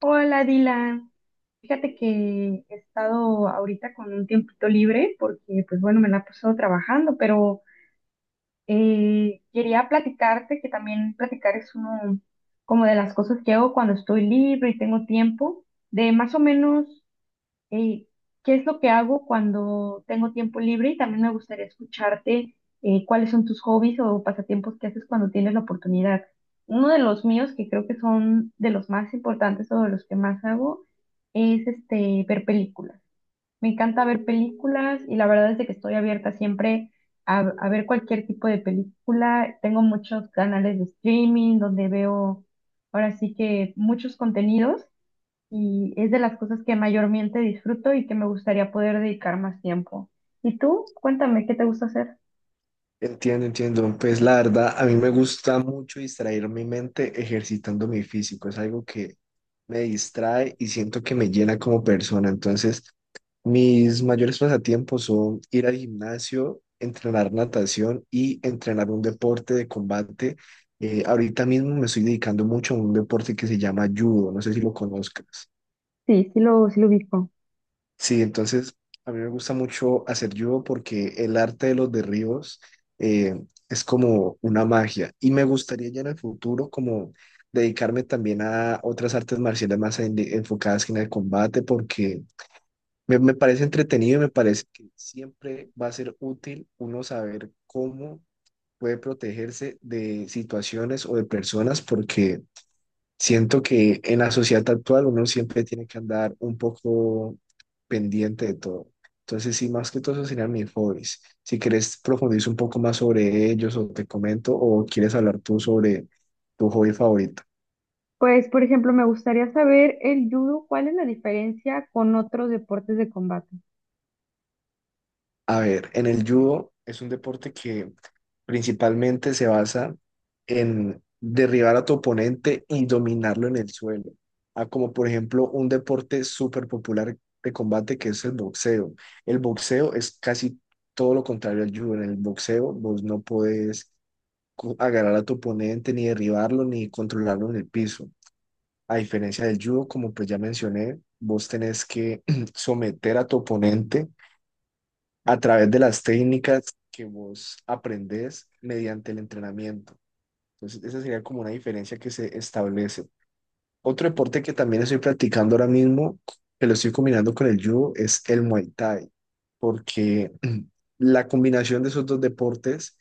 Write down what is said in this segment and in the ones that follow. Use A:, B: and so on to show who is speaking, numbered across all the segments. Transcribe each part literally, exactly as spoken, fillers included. A: Hola, Dylan. Fíjate que he estado ahorita con un tiempito libre porque, pues bueno, me la he pasado trabajando, pero eh, quería platicarte que también platicar es uno como de las cosas que hago cuando estoy libre y tengo tiempo, de más o menos eh, qué es lo que hago cuando tengo tiempo libre y también me gustaría escucharte eh, cuáles son tus hobbies o pasatiempos que haces cuando tienes la oportunidad. Uno de los míos, que creo que son de los más importantes o de los que más hago, es este, ver películas. Me encanta ver películas y la verdad es de que estoy abierta siempre a, a ver cualquier tipo de película. Tengo muchos canales de streaming donde veo ahora sí que muchos contenidos y es de las cosas que mayormente disfruto y que me gustaría poder dedicar más tiempo. ¿Y tú? Cuéntame, ¿qué te gusta hacer?
B: Entiendo, entiendo. Pues la verdad, a mí me gusta mucho distraer mi mente ejercitando mi físico. Es algo que me distrae y siento que me llena como persona. Entonces, mis mayores pasatiempos son ir al gimnasio, entrenar natación y entrenar un deporte de combate. Eh, ahorita mismo me estoy dedicando mucho a un deporte que se llama judo. No sé si lo conozcas.
A: Sí, sí lo, sí lo ubico.
B: Sí, entonces a mí me gusta mucho hacer judo porque el arte de los derribos eh, es como una magia y me gustaría ya en el futuro como dedicarme también a otras artes marciales más en- enfocadas en el combate porque me, me parece entretenido y me parece que siempre va a ser útil uno saber cómo puede protegerse de situaciones o de personas porque siento que en la sociedad actual uno siempre tiene que andar un poco pendiente de todo. Entonces, sí, más que todo, esos serían mis hobbies. Si quieres profundizar un poco más sobre ellos o te comento o quieres hablar tú sobre tu hobby favorito.
A: Pues, por ejemplo, me gustaría saber el judo, ¿cuál es la diferencia con otros deportes de combate?
B: A ver, en el judo es un deporte que principalmente se basa en derribar a tu oponente y dominarlo en el suelo. Ah, como por ejemplo un deporte súper popular de combate que es el boxeo. El boxeo es casi todo lo contrario al judo. En el boxeo vos no podés co- agarrar a tu oponente, ni derribarlo, ni controlarlo en el piso. A diferencia del judo, como pues ya mencioné, vos tenés que someter a tu oponente a través de las técnicas que vos aprendés mediante el entrenamiento. Entonces, esa sería como una diferencia que se establece. Otro deporte que también estoy practicando ahora mismo, que lo estoy combinando con el judo, es el Muay Thai, porque la combinación de esos dos deportes,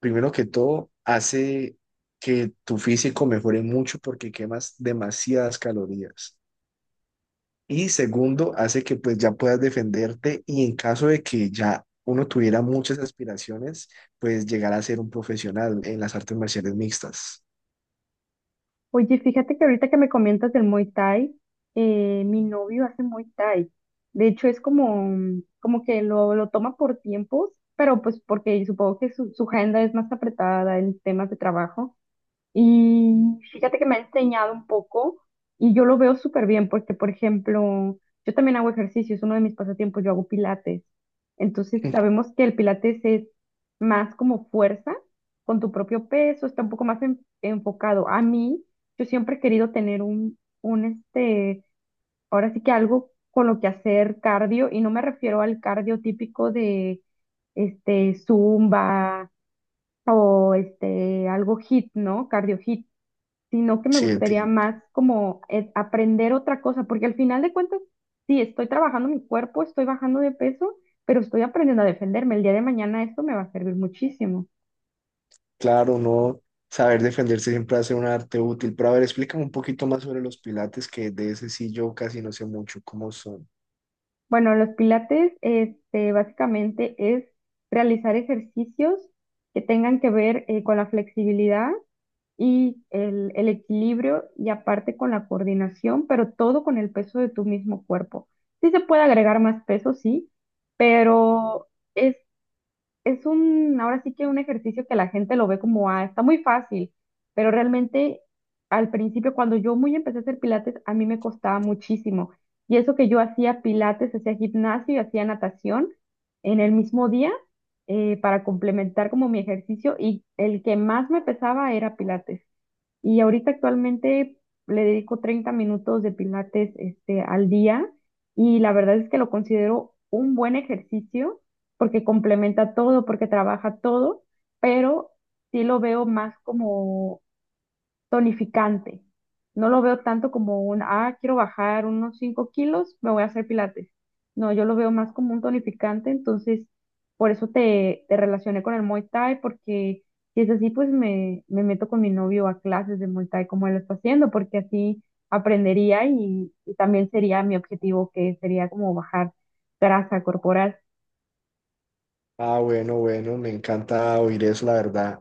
B: primero que todo, hace que tu físico mejore mucho porque quemas demasiadas calorías. Y segundo, hace que pues ya puedas defenderte y en caso de que ya uno tuviera muchas aspiraciones, pues llegar a ser un profesional en las artes marciales mixtas.
A: Oye, fíjate que ahorita que me comentas del Muay Thai, eh, mi novio hace Muay Thai. De hecho, es como, como que lo, lo toma por tiempos, pero pues porque supongo que su, su agenda es más apretada en temas de trabajo. Y fíjate que me ha enseñado un poco y yo lo veo súper bien porque, por ejemplo, yo también hago ejercicio, es uno de mis pasatiempos, yo hago pilates. Entonces sabemos que el pilates es más como fuerza con tu propio peso, está un poco más en- enfocado. A mí, yo siempre he querido tener un, un este, ahora sí que algo con lo que hacer cardio y no me refiero al cardio típico de este, zumba o este, algo hit, ¿no? Cardio hit sino que me
B: Sí,
A: gustaría
B: entiendo.
A: más como eh, aprender otra cosa, porque al final de cuentas, sí, estoy trabajando mi cuerpo, estoy bajando de peso, pero estoy aprendiendo a defenderme. El día de mañana esto me va a servir muchísimo.
B: Claro, no saber defenderse siempre hace un arte útil. Pero a ver, explícame un poquito más sobre los pilates, que de ese sí yo casi no sé mucho cómo son.
A: Bueno, los pilates, este, básicamente es realizar ejercicios que tengan que ver eh, con la flexibilidad y el, el equilibrio y aparte con la coordinación, pero todo con el peso de tu mismo cuerpo. Sí se puede agregar más peso, sí, pero es es un, ahora sí que un ejercicio que la gente lo ve como, ah, está muy fácil, pero realmente al principio, cuando yo muy empecé a hacer pilates, a mí me costaba muchísimo. Y eso que yo hacía pilates, hacía gimnasio y hacía natación en el mismo día eh, para complementar como mi ejercicio y el que más me pesaba era pilates. Y ahorita actualmente le dedico treinta minutos de pilates este, al día y la verdad es que lo considero un buen ejercicio porque complementa todo, porque trabaja todo, pero sí lo veo más como tonificante. No lo veo tanto como un, ah, quiero bajar unos cinco kilos, me voy a hacer pilates. No, yo lo veo más como un tonificante, entonces por eso te, te relacioné con el Muay Thai, porque si es así, pues me, me meto con mi novio a clases de Muay Thai como él lo está haciendo, porque así aprendería y, y también sería mi objetivo, que sería como bajar grasa corporal.
B: Ah, bueno, bueno, me encanta oír eso, la verdad.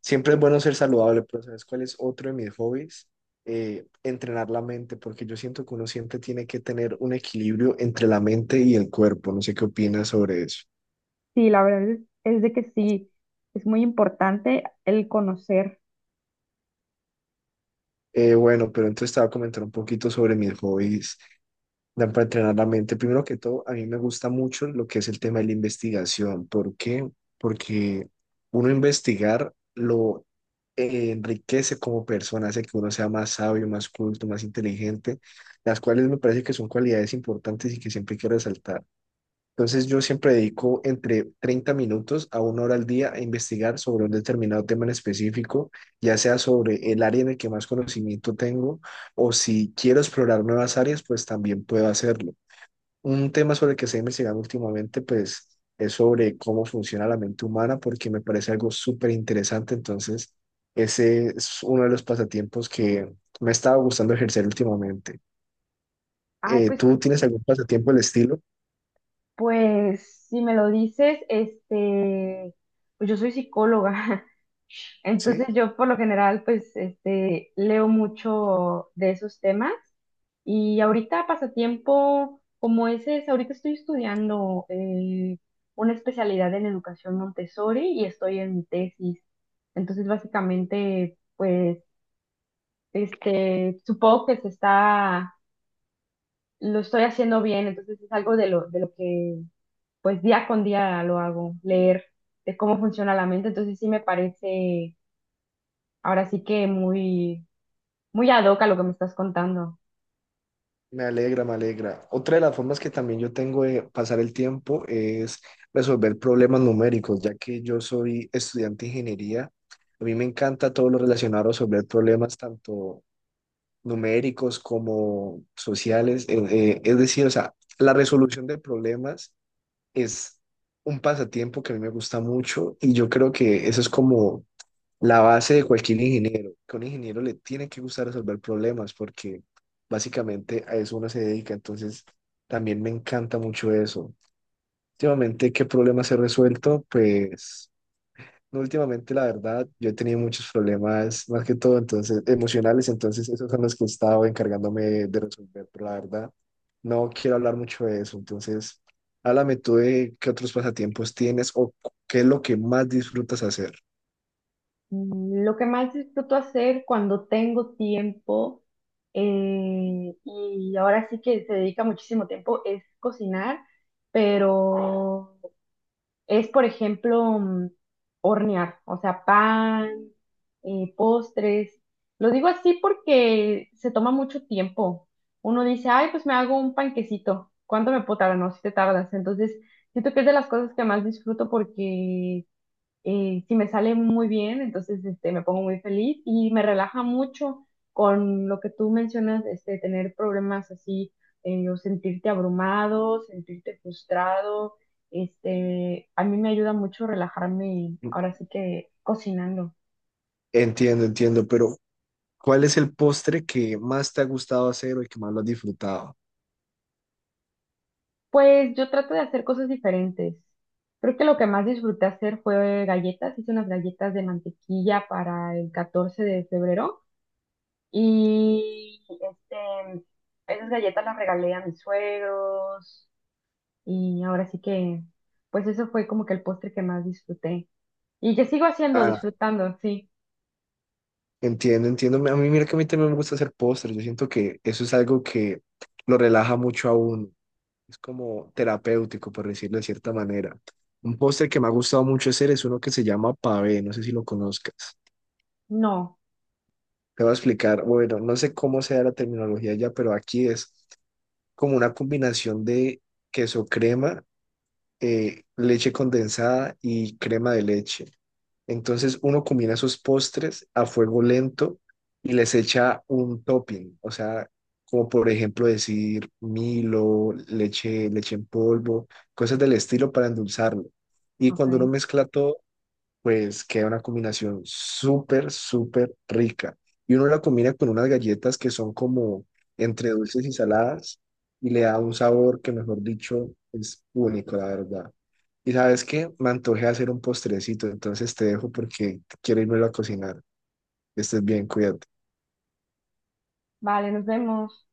B: Siempre es bueno ser saludable, pero ¿sabes cuál es otro de mis hobbies? Eh, entrenar la mente, porque yo siento que uno siempre tiene que tener un equilibrio entre la mente y el cuerpo. No sé qué opinas sobre eso.
A: Sí, la verdad es, es de que sí, es muy importante el conocer.
B: Eh, bueno, pero entonces te voy a comentar un poquito sobre mis hobbies. Dan para entrenar la mente. Primero que todo, a mí me gusta mucho lo que es el tema de la investigación. ¿Por qué? Porque uno investigar lo eh, enriquece como persona, hace que uno sea más sabio, más culto, más inteligente, las cuales me parece que son cualidades importantes y que siempre quiero resaltar. Entonces, yo siempre dedico entre treinta minutos a una hora al día a investigar sobre un determinado tema en específico, ya sea sobre el área en el que más conocimiento tengo o si quiero explorar nuevas áreas, pues también puedo hacerlo. Un tema sobre el que se ha investigado últimamente, pues, es sobre cómo funciona la mente humana, porque me parece algo súper interesante. Entonces, ese es uno de los pasatiempos que me estaba gustando ejercer últimamente.
A: Ay,
B: Eh,
A: pues
B: ¿tú tienes algún pasatiempo del estilo?
A: pues si me lo dices, este, pues yo soy psicóloga, entonces
B: Sí,
A: yo por lo general pues este, leo mucho de esos temas y ahorita pasatiempo como ese es, ahorita estoy estudiando eh, una especialidad en educación Montessori y estoy en mi tesis, entonces básicamente pues este, supongo que se está, lo estoy haciendo bien, entonces es algo de lo, de lo que pues día con día lo hago, leer de cómo funciona la mente, entonces sí me parece ahora sí que muy, muy ad hoc a lo que me estás contando.
B: me alegra, me alegra. Otra de las formas que también yo tengo de pasar el tiempo es resolver problemas numéricos, ya que yo soy estudiante de ingeniería. A mí me encanta todo lo relacionado a resolver problemas, tanto numéricos como sociales. eh, eh, es decir, o sea, la resolución de problemas es un pasatiempo que a mí me gusta mucho y yo creo que eso es como la base de cualquier ingeniero, que a un ingeniero le tiene que gustar resolver problemas porque básicamente a eso uno se dedica. Entonces, también me encanta mucho eso. Últimamente, ¿qué problemas he resuelto? Pues... No, últimamente, la verdad, yo he tenido muchos problemas, más que todo, entonces, emocionales, entonces esos son los que he estado encargándome de resolver, pero la verdad, no quiero hablar mucho de eso, entonces, háblame tú de qué otros pasatiempos tienes o cu- qué es lo que más disfrutas hacer.
A: Mm, lo que más disfruto hacer cuando tengo tiempo, eh, y ahora sí que se dedica muchísimo tiempo, es cocinar, pero es, por ejemplo, mm, hornear, o sea, pan, eh, postres. Lo digo así porque se toma mucho tiempo. Uno dice, ay, pues me hago un panquecito. ¿Cuánto me puedo tardar? No, si te tardas. Entonces, siento que es de las cosas que más disfruto porque eh, si me sale muy bien, entonces este, me pongo muy feliz y me relaja mucho con lo que tú mencionas, este, tener problemas así, eh, o sentirte abrumado, sentirte frustrado. Este, a mí me ayuda mucho relajarme ahora sí que cocinando.
B: Entiendo, entiendo, pero ¿cuál es el postre que más te ha gustado hacer o el que más lo has disfrutado?
A: Pues yo trato de hacer cosas diferentes. Creo que lo que más disfruté hacer fue galletas. Hice unas galletas de mantequilla para el catorce de febrero. Y este, esas galletas las regalé a mis suegros y ahora sí que, pues eso fue como que el postre que más disfruté y que sigo haciendo,
B: Ah,
A: disfrutando, sí.
B: entiendo, entiendo. A mí, mira que a mí también me gusta hacer postres, yo siento que eso es algo que lo relaja mucho a uno. Es como terapéutico, por decirlo de cierta manera. Un postre que me ha gustado mucho hacer es uno que se llama pavé, no sé si lo conozcas.
A: No,
B: Te voy a explicar, bueno, no sé cómo sea la terminología ya, pero aquí es como una combinación de queso crema, eh, leche condensada y crema de leche. Entonces uno combina esos postres a fuego lento y les echa un topping, o sea, como por ejemplo decir Milo, leche, leche en polvo, cosas del estilo para endulzarlo. Y
A: ok.
B: cuando uno mezcla todo, pues queda una combinación súper, súper rica. Y uno la combina con unas galletas que son como entre dulces y saladas y le da un sabor que, mejor dicho, es único, la verdad. Y sabes qué, me antojé hacer un postrecito, entonces te dejo porque quiero irme a cocinar. Estés bien, cuídate.
A: Vale, nos vemos.